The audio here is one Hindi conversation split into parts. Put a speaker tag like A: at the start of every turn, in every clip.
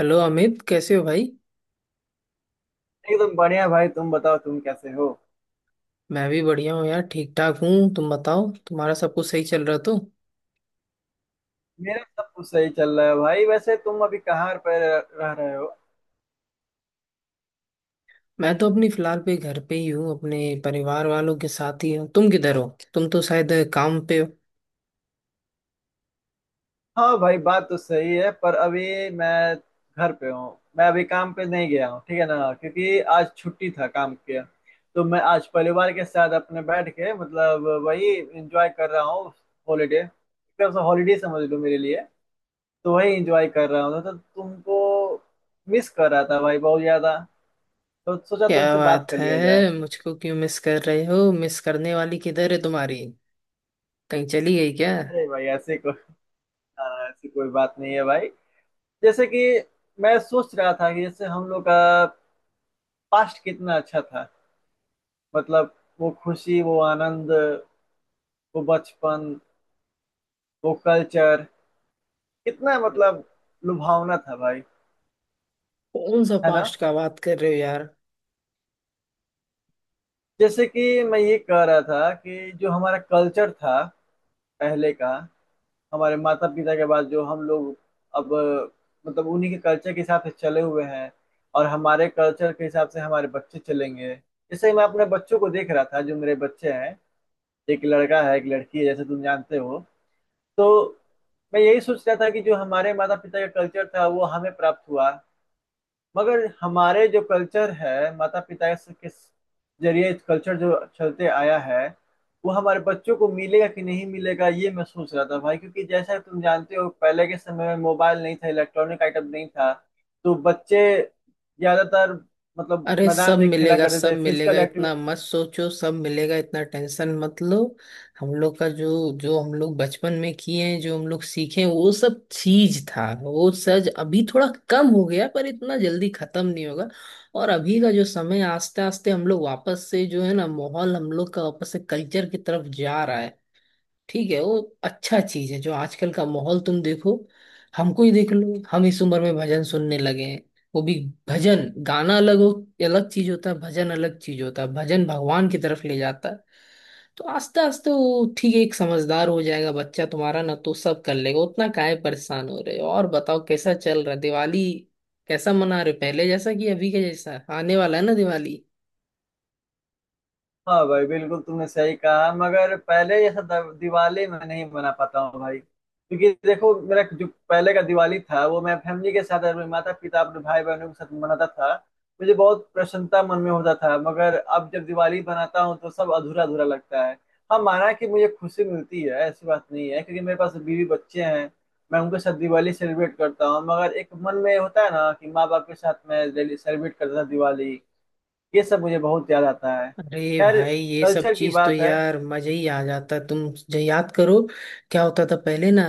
A: हेलो अमित कैसे हो भाई।
B: एकदम बढ़िया भाई तुम बताओ तुम कैसे हो।
A: मैं भी बढ़िया हूँ यार, ठीक ठाक हूँ। तुम बताओ, तुम्हारा सब कुछ सही चल रहा तो?
B: मेरा सब कुछ सही चल रहा है भाई। वैसे तुम अभी कहाँ पर रह रहे हो?
A: मैं तो अपनी फिलहाल पे घर पे ही हूँ, अपने परिवार वालों के साथ ही हूँ। तुम किधर हो? तुम तो शायद काम पे हो।
B: हाँ भाई बात तो सही है पर अभी मैं घर पे हूँ। मैं अभी काम पे नहीं गया हूँ ठीक है ना, क्योंकि आज छुट्टी था काम के। तो मैं आज परिवार के साथ अपने बैठ के मतलब वही एंजॉय कर रहा हूँ। हॉलीडे, एकदम से हॉलीडे समझ लो मेरे लिए। तो वही एंजॉय कर रहा हूँ तो तुमको मिस कर रहा था भाई बहुत ज्यादा। तो सोचा
A: क्या
B: तुमसे बात
A: बात
B: कर
A: है,
B: लिया जाए।
A: मुझको क्यों मिस कर रहे हो? मिस करने वाली किधर है तुम्हारी? कहीं चली गई क्या?
B: अरे भाई ऐसे हाँ, ऐसी कोई बात नहीं है भाई। जैसे कि मैं सोच रहा था कि जैसे हम लोग का पास्ट कितना अच्छा था। मतलब वो खुशी, वो आनंद, वो बचपन, वो कल्चर कितना मतलब लुभावना था भाई।
A: कौन सा
B: है ना?
A: पास्ट का बात कर रहे हो यार?
B: जैसे कि मैं ये कह रहा था कि जो हमारा कल्चर था पहले का, हमारे माता पिता के बाद जो हम लोग अब मतलब उन्हीं के कल्चर के हिसाब से चले हुए हैं और हमारे कल्चर के हिसाब से हमारे बच्चे चलेंगे। जैसे मैं अपने बच्चों को देख रहा था, जो मेरे बच्चे हैं, एक लड़का है एक लड़की है, जैसे तुम जानते हो। तो मैं यही सोच रहा था कि जो हमारे माता पिता का कल्चर था वो हमें प्राप्त हुआ। मगर हमारे जो कल्चर है माता पिता से- के जरिए कल्चर जो चलते आया है, वो हमारे बच्चों को मिलेगा कि नहीं मिलेगा ये मैं सोच रहा था भाई। क्योंकि जैसा तुम जानते हो पहले के समय में मोबाइल नहीं था, इलेक्ट्रॉनिक आइटम नहीं था। तो बच्चे ज्यादातर मतलब
A: अरे सब
B: मैदान में खेला
A: मिलेगा,
B: करते
A: सब
B: थे,
A: मिलेगा,
B: फिजिकल
A: इतना
B: एक्टिविटी।
A: मत सोचो, सब मिलेगा। इतना टेंशन मत लो। हम लोग का जो जो हम लोग बचपन में किए हैं, जो हम लोग सीखे हैं, वो सब चीज था, वो सज अभी थोड़ा कम हो गया, पर इतना जल्दी खत्म नहीं होगा। और अभी का जो समय, आस्ते आस्ते हम लोग वापस से, जो है ना, माहौल हम लोग का वापस से कल्चर की तरफ जा रहा है। ठीक है, वो अच्छा चीज है। जो आजकल का माहौल तुम देखो, हमको ही देख लो, हम इस उम्र में भजन सुनने लगे हैं। वो भी भजन गाना अलग हो, अलग चीज होता है, भजन अलग चीज होता है। भजन भगवान की तरफ ले जाता है। तो आस्ते आस्ते वो ठीक है, एक समझदार हो जाएगा बच्चा तुम्हारा ना, तो सब कर लेगा, उतना काहे परेशान हो रहे हो? और बताओ, कैसा चल रहा है दिवाली? कैसा मना रहे हो? पहले जैसा कि अभी के जैसा आने वाला है ना दिवाली?
B: हाँ भाई बिल्कुल, तुमने सही कहा। मगर पहले जैसा द- दिवाली मैं नहीं मना पाता हूँ भाई, क्योंकि देखो मेरा जो पहले का दिवाली था वो मैं फैमिली के साथ अपने माता पिता अपने भाई बहनों के साथ मनाता था। मुझे बहुत प्रसन्नता मन में होता था। मगर अब जब दिवाली मनाता हूँ तो सब अधूरा अधूरा लगता है। हाँ माना कि मुझे खुशी मिलती है, ऐसी बात नहीं है, क्योंकि मेरे पास बीवी बच्चे हैं। मैं उनके साथ दिवाली सेलिब्रेट करता हूँ मगर एक मन में होता है ना कि माँ बाप के साथ मैं सेलिब्रेट करता था दिवाली। ये सब मुझे बहुत याद आता है।
A: अरे
B: खैर,
A: भाई ये सब
B: कल्चर की
A: चीज तो
B: बात है।
A: यार मजा ही आ जाता तुम जो याद करो। क्या होता था पहले ना,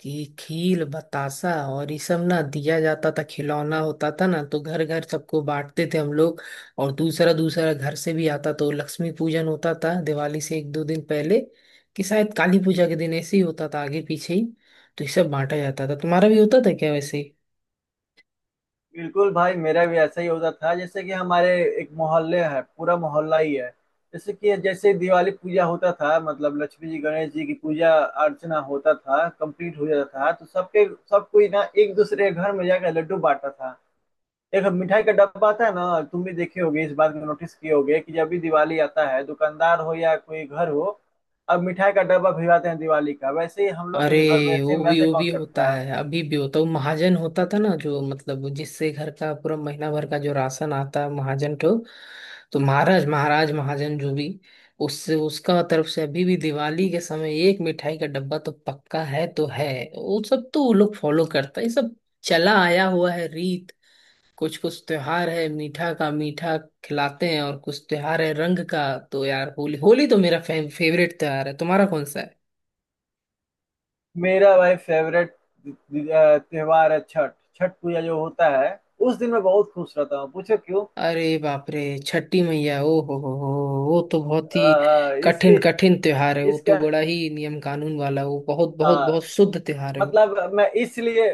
A: कि खील बतासा और ये सब ना दिया जाता था, खिलौना होता था ना, तो घर घर सबको बांटते थे हम लोग। और दूसरा दूसरा घर से भी आता, तो लक्ष्मी पूजन होता था दिवाली से एक दो दिन पहले, कि शायद काली पूजा के दिन, ऐसे ही होता था आगे पीछे ही। तो ये सब बांटा जाता था। तुम्हारा भी होता था क्या वैसे?
B: बिल्कुल भाई मेरा भी ऐसा ही होता था। जैसे कि हमारे एक मोहल्ले है, पूरा मोहल्ला ही है। जैसे कि जैसे दिवाली पूजा होता था मतलब लक्ष्मी जी गणेश जी की पूजा अर्चना होता था, कंप्लीट हो जाता था तो सबके सब कोई ना एक दूसरे के घर में जाकर लड्डू बांटता था। एक मिठाई का डब्बा आता है ना, तुम भी देखे होगे, इस बात को नोटिस किए होगे कि जब भी दिवाली आता है दुकानदार हो या कोई घर हो अब मिठाई का डब्बा भिजवाते हैं दिवाली का। वैसे ही हम लोग के
A: अरे
B: भी घर में
A: वो
B: सेम
A: भी
B: ऐसे
A: वो भी
B: कॉन्सेप्ट
A: होता
B: था।
A: है, अभी भी होता है। वो महाजन होता था ना जो, मतलब जिससे घर का पूरा महीना भर का जो राशन आता है महाजन को, तो महाराज महाराज महाजन जो भी, उससे उसका तरफ से अभी भी दिवाली के समय एक मिठाई का डब्बा तो पक्का है तो है। वो सब तो वो लोग फॉलो करता है, ये सब चला आया हुआ है रीत। कुछ कुछ त्योहार है मीठा का, मीठा खिलाते हैं, और कुछ त्योहार है रंग का। तो यार होली, होली तो मेरा फेवरेट त्योहार है। तुम्हारा कौन सा है?
B: मेरा भाई फेवरेट त्योहार है छठ। छठ पूजा जो होता है उस दिन मैं बहुत खुश रहता हूँ, पूछो क्यों।
A: अरे बाप रे, छठी मैया, ओ हो, वो तो बहुत ही
B: इसकी
A: कठिन कठिन त्योहार है। वो तो
B: इसका।
A: बड़ा ही नियम कानून वाला, वो बहुत बहुत बहुत
B: हाँ
A: शुद्ध त्योहार है।
B: मतलब मैं इसलिए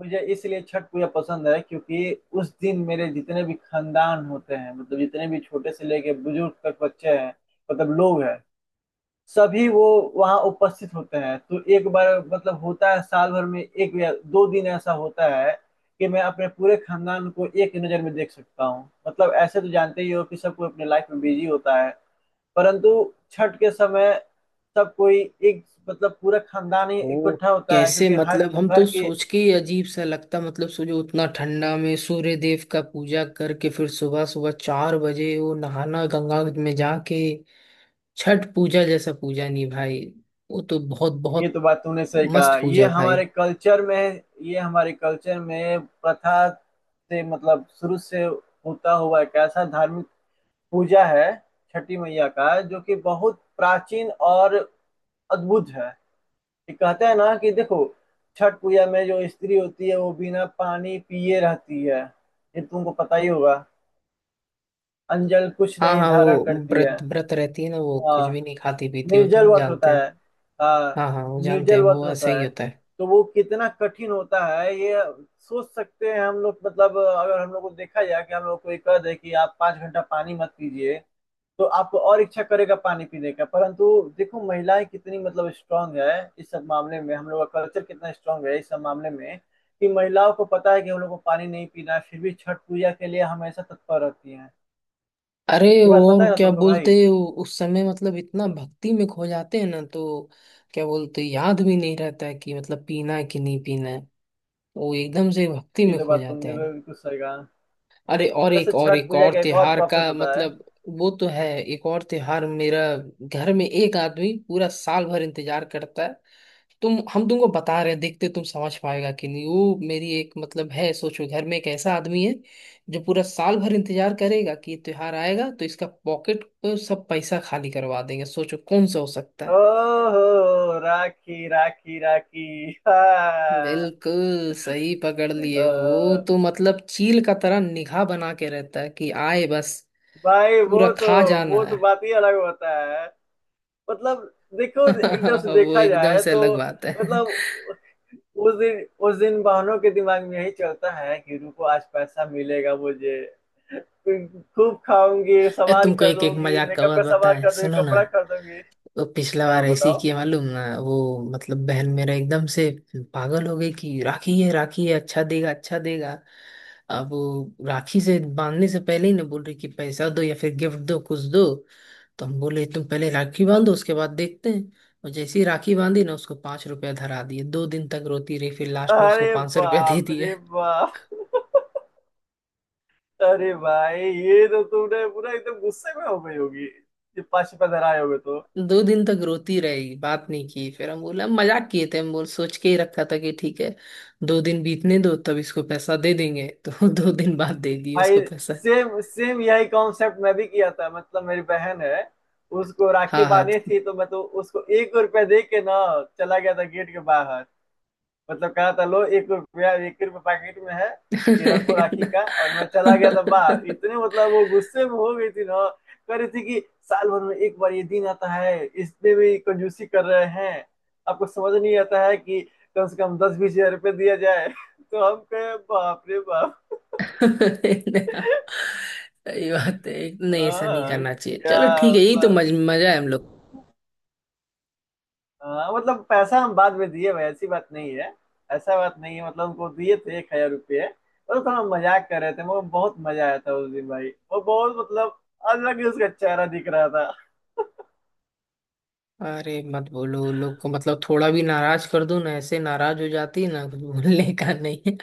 B: मुझे इसलिए छठ पूजा पसंद है क्योंकि उस दिन मेरे जितने भी खानदान होते हैं मतलब जितने भी छोटे से लेके बुजुर्ग तक बच्चे हैं मतलब लोग हैं, सभी वो वहाँ उपस्थित होते हैं। तो एक बार मतलब होता है साल भर में एक या दो दिन ऐसा होता है कि मैं अपने पूरे खानदान को एक नज़र में देख सकता हूँ। मतलब ऐसे तो जानते ही हो कि सब कोई अपने लाइफ में बिजी होता है, परंतु छठ के समय सब कोई एक मतलब पूरा खानदान ही
A: वो
B: इकट्ठा होता है
A: कैसे,
B: क्योंकि हर
A: मतलब हम तो
B: घर के।
A: सोच के ही अजीब सा लगता। मतलब सोचो, उतना ठंडा में सूर्य देव का पूजा करके फिर सुबह सुबह 4 बजे वो नहाना गंगा में जाके। छठ पूजा जैसा पूजा नहीं भाई, वो तो बहुत
B: ये
A: बहुत
B: तो बात तूने सही कहा।
A: मस्त पूजा
B: ये
A: है भाई।
B: हमारे कल्चर में ये हमारे कल्चर में प्रथा से मतलब शुरू से होता हुआ एक ऐसा धार्मिक पूजा है छठी मैया का, जो कि बहुत प्राचीन और अद्भुत है। ये कहते हैं ना कि देखो छठ पूजा में जो स्त्री होती है वो बिना पानी पिए रहती है। ये तुमको पता ही होगा। अंजल कुछ
A: हाँ,
B: नहीं
A: हाँ,
B: धारण
A: वो
B: करती है।
A: व्रत व्रत रहती है ना, वो कुछ भी
B: हाँ,
A: नहीं खाती पीती, वो तो
B: निर्जल
A: हम
B: व्रत
A: जानते
B: होता
A: हैं।
B: है। हाँ,
A: हाँ, हाँ, वो जानते हैं,
B: निर्जल व्रत
A: वो ऐसा
B: होता
A: ही
B: है।
A: होता है।
B: तो वो कितना कठिन होता है ये सोच सकते हैं हम लोग। मतलब अगर हम लोग को देखा जाए कि हम लोग को ये कह दे कि आप 5 घंटा पानी मत पीजिए तो आपको और इच्छा करेगा पानी पीने का। परंतु देखो महिलाएं कितनी मतलब स्ट्रांग है इस सब मामले में। हम लोग का कल्चर कितना स्ट्रांग है इस सब मामले में, कि महिलाओं को पता है कि हम लोग को पानी नहीं पीना है फिर भी छठ पूजा के लिए हमेशा तत्पर रहती हैं।
A: अरे
B: ये बात पता है
A: और
B: ना
A: क्या
B: तुमको
A: बोलते
B: भाई।
A: उस समय, मतलब इतना भक्ति में खो जाते हैं ना तो क्या बोलते हैं, याद भी नहीं रहता है कि मतलब पीना है कि नहीं पीना है। वो एकदम से भक्ति
B: ये
A: में
B: तो
A: खो
B: बात
A: जाते
B: तुमने भी
A: हैं।
B: बिल्कुल सही कहा।
A: अरे और
B: वैसे
A: एक और
B: छठ
A: एक
B: पूजा
A: और
B: का एक और
A: त्योहार
B: प्रॉफिट
A: का
B: होता है।
A: मतलब, वो तो है एक और त्योहार मेरा। घर में एक आदमी पूरा साल भर इंतजार करता है। तुम, हम तुमको बता रहे हैं, देखते तुम समझ पाएगा कि नहीं। वो मेरी एक मतलब है, सोचो घर में एक ऐसा आदमी है जो पूरा साल भर इंतजार करेगा कि ये त्योहार आएगा तो इसका पॉकेट को सब पैसा खाली करवा देंगे। सोचो कौन सा हो सकता है?
B: ओहो, राखी राखी राखी! हाँ।
A: बिल्कुल सही पकड़ लिए हो। वो
B: हाँ।
A: तो मतलब चील का तरह निगाह बना के रहता है कि आए बस
B: भाई
A: पूरा
B: वो तो
A: खा जाना
B: वो
A: है।
B: तो बात ही अलग होता है। मतलब देखो एक तरफ से
A: वो
B: देखा
A: एकदम
B: जाए
A: से
B: तो
A: अलग बात है।
B: मतलब उस दिन बहनों के दिमाग में यही चलता है कि रुको आज पैसा मिलेगा मुझे। फिर खूब खाऊंगी, सामान
A: तुमको एक एक
B: खरीदूंगी,
A: मजाक का
B: मेकअप
A: बात
B: का सामान
A: बताएं,
B: खरीदूंगी,
A: सुनो ना।
B: कपड़ा खरीदूंगी।
A: वो पिछला बार
B: हाँ
A: ऐसे ही
B: बताओ।
A: किया मालूम ना वो, मतलब बहन मेरा एकदम से पागल हो गई कि राखी है राखी है, अच्छा देगा अच्छा देगा। अब वो राखी से बांधने से पहले ही ना बोल रही कि पैसा दो या फिर गिफ्ट दो, कुछ दो। तो हम बोले तुम पहले राखी बांधो, उसके बाद देखते हैं। और जैसे ही राखी बांधी ना, उसको 5 रुपया धरा दिए, 2 दिन तक रोती रही, फिर लास्ट में उसको
B: अरे
A: 500 रुपया दे
B: बाप
A: दिए।
B: रे बाप! अरे भाई ये तो तुमने पूरा एकदम गुस्से में हो गई होगी, ये पश पे धराए होगे तो।
A: 2 दिन तक रोती रही, बात नहीं की, फिर हम बोला मजाक किए थे, हम बोल सोच के ही रखा था कि ठीक है 2 दिन बीतने दो तब इसको पैसा दे देंगे। तो 2 दिन बाद दे दिए
B: भाई
A: उसको पैसा।
B: सेम सेम यही कॉन्सेप्ट मैं भी किया था। मतलब मेरी बहन है, उसको राखी
A: हाँ, हाँ।
B: बांधी थी तो मैं तो उसको 1 रुपया दे के ना चला गया था गेट के बाहर। मतलब कहा था लो 1 रुपया, 1 रुपया पैकेट में है ये रखो राखी का, और मैं चला गया था बाहर। इतने मतलब वो गुस्से में हो गई थी ना। कह रही थी कि साल भर में एक बार ये दिन आता है इसमें भी कंजूसी कर रहे हैं। आपको समझ नहीं आता है कि कम से कम 10-20 हजार रुपये दिया जाए। तो हम कहे बाप रे बाप।
A: सही बात है, नहीं ऐसा नहीं
B: हाँ,
A: करना चाहिए,
B: क्या
A: चलो ठीक है, यही तो
B: मतलब?
A: मजा है हम लोग।
B: हाँ मतलब पैसा हम बाद में दिए भाई, ऐसी बात नहीं है। ऐसा बात नहीं है मतलब उनको दिए थे 1,000 रुपये और थोड़ा मजाक कर रहे थे। वो बहुत मजा आया था उस दिन भाई। वो बहुत मतलब अलग ही उसका चेहरा दिख रहा था।
A: अरे मत बोलो उन लोग को, मतलब थोड़ा भी नाराज कर दो ना, ऐसे नाराज हो जाती है ना, कुछ बोलने का नहीं है।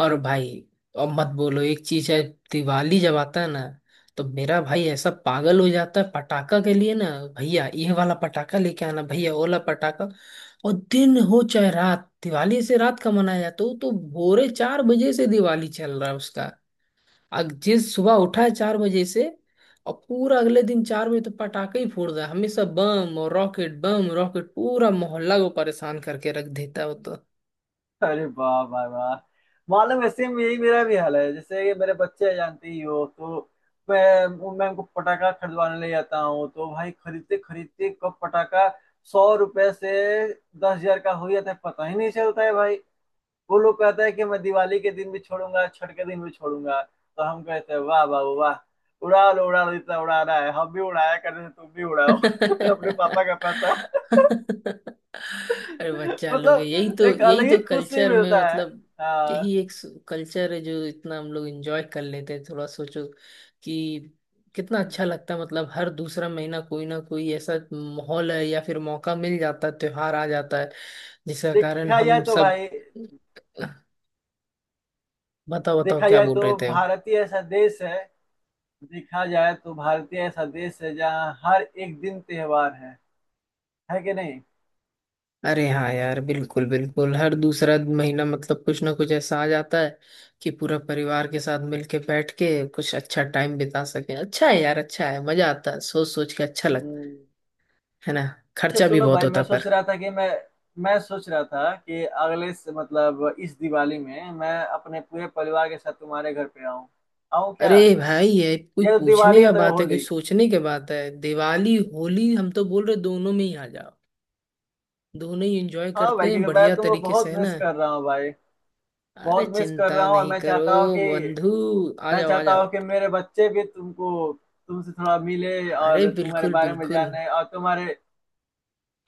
A: और भाई, और मत बोलो, एक चीज है, दिवाली जब आता है ना, तो मेरा भाई ऐसा पागल हो जाता है पटाखा के लिए ना। भैया ये वाला पटाखा लेके आना, भैया वो वाला पटाखा। और दिन हो चाहे रात, दिवाली से रात का मनाया जाता है, वो तो भोरे 4 बजे से दिवाली चल रहा है उसका। जिस सुबह उठा है 4 बजे से, और पूरा अगले दिन 4 बजे तो पटाखे ही फोड़ रहा है हमेशा, बम और रॉकेट, बम रॉकेट, पूरा मोहल्ला को परेशान करके रख देता है वो तो।
B: अरे वाह वाह वाह! मालूम है सेम यही मेरा भी हाल है। जैसे ये मेरे बच्चे जानते ही हो तो मैं मैं उनको पटाखा खरीदवाने ले जाता हूँ। तो भाई खरीदते खरीदते कब पटाखा 100 रुपए से 10,000 का हो जाता है पता ही नहीं चलता है भाई। वो लोग कहता है कि मैं दिवाली के दिन भी छोड़ूंगा छठ के दिन भी छोड़ूंगा तो हम कहते हैं वाह बाबू वाह। उड़ा लो जितना उड़ा रहा है, हम भी उड़ाया कर रहे हैं तुम भी उड़ाओ अपने पापा
A: अरे
B: का पैसा।
A: बच्चा लोग है, यही
B: मतलब
A: तो,
B: एक अलग
A: यही
B: ही
A: तो
B: खुशी
A: कल्चर में
B: मिलता है।
A: मतलब,
B: हाँ।
A: यही एक कल्चर है जो इतना हम लोग एंजॉय कर लेते हैं। थोड़ा सोचो कि कितना अच्छा लगता है। मतलब हर दूसरा महीना कोई ना कोई ऐसा माहौल है या फिर मौका मिल जाता है, त्योहार आ जाता है जिसका कारण
B: देखा जाए
A: हम
B: तो
A: सब,
B: भाई,
A: बताओ बताओ
B: देखा
A: क्या
B: जाए
A: बोल रहे
B: तो
A: थे?
B: भारतीय ऐसा देश है देखा जाए तो भारतीय ऐसा देश है जहाँ हर एक दिन त्योहार है। है कि नहीं?
A: अरे हाँ यार, बिल्कुल बिल्कुल, हर दूसरा महीना मतलब कुछ ना कुछ ऐसा आ जाता है कि पूरा परिवार के साथ मिलके बैठ के कुछ अच्छा टाइम बिता सके। अच्छा है यार, अच्छा है, मजा आता है, सोच सोच के अच्छा लगता है।
B: हम्म।
A: है ना?
B: अच्छा
A: खर्चा भी
B: सुनो
A: बहुत
B: भाई,
A: होता पर।
B: मैं सोच रहा था कि अगले से- मतलब इस दिवाली में मैं अपने पूरे परिवार के साथ तुम्हारे घर पे आऊं। आऊं क्या?
A: अरे भाई, ये कोई
B: या तो
A: पूछने
B: दिवाली है
A: का
B: तो
A: बात है, कोई
B: होली।
A: सोचने की बात है? दिवाली होली, हम तो बोल रहे दोनों में ही आ जाओ। दोनों ही एंजॉय
B: हाँ
A: करते
B: भाई
A: हैं
B: क्योंकि मैं
A: बढ़िया
B: तुमको
A: तरीके से,
B: बहुत
A: है ना?
B: मिस कर रहा हूँ भाई।
A: अरे
B: बहुत मिस कर
A: चिंता
B: रहा हूँ और
A: नहीं
B: मैं
A: करो
B: चाहता हूँ कि
A: बंधु, आ
B: मैं
A: जाओ आ
B: चाहता हूँ
A: जाओ।
B: कि मेरे बच्चे भी तुमको तुमसे थोड़ा मिले
A: अरे
B: और तुम्हारे
A: बिल्कुल
B: बारे में
A: बिल्कुल,
B: जाने और तुम्हारे।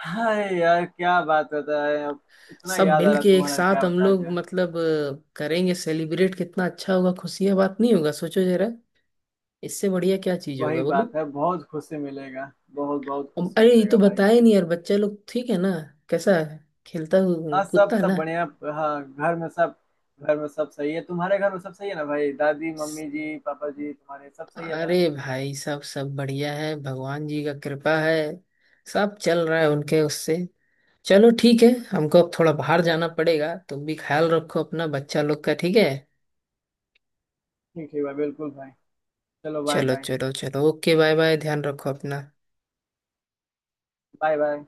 B: हाय यार क्या बात बताए अब। इतना
A: सब
B: याद आ रहा
A: मिलके एक
B: तुम्हारा क्या
A: साथ हम
B: बताया
A: लोग
B: जाए।
A: मतलब करेंगे सेलिब्रेट, कितना अच्छा होगा, खुशी है बात नहीं होगा, सोचो जरा। इससे बढ़िया क्या चीज
B: वही
A: होगा बोलो?
B: बात है, बहुत खुशी मिलेगा, बहुत बहुत खुशी
A: अरे ये तो
B: मिलेगा भाई।
A: बताया नहीं यार, बच्चा लोग ठीक है ना? कैसा है, खेलता
B: हाँ सब
A: कूदता है
B: सब
A: ना?
B: बढ़िया। हाँ, घर में सब सही है। तुम्हारे घर में सब सही है ना भाई? दादी
A: स-
B: मम्मी जी पापा जी तुम्हारे सब सही है
A: अरे
B: ना?
A: भाई, सब सब बढ़िया है, भगवान जी का कृपा है, सब चल रहा है उनके उससे। चलो ठीक है, हमको अब थोड़ा बाहर जाना पड़ेगा। तुम भी ख्याल रखो अपना बच्चा लोग का, ठीक है?
B: ठीक ठीक भाई, बिल्कुल भाई। चलो बाय
A: चलो
B: भाई।
A: चलो चलो, ओके बाय बाय, ध्यान रखो अपना।
B: Bye bye.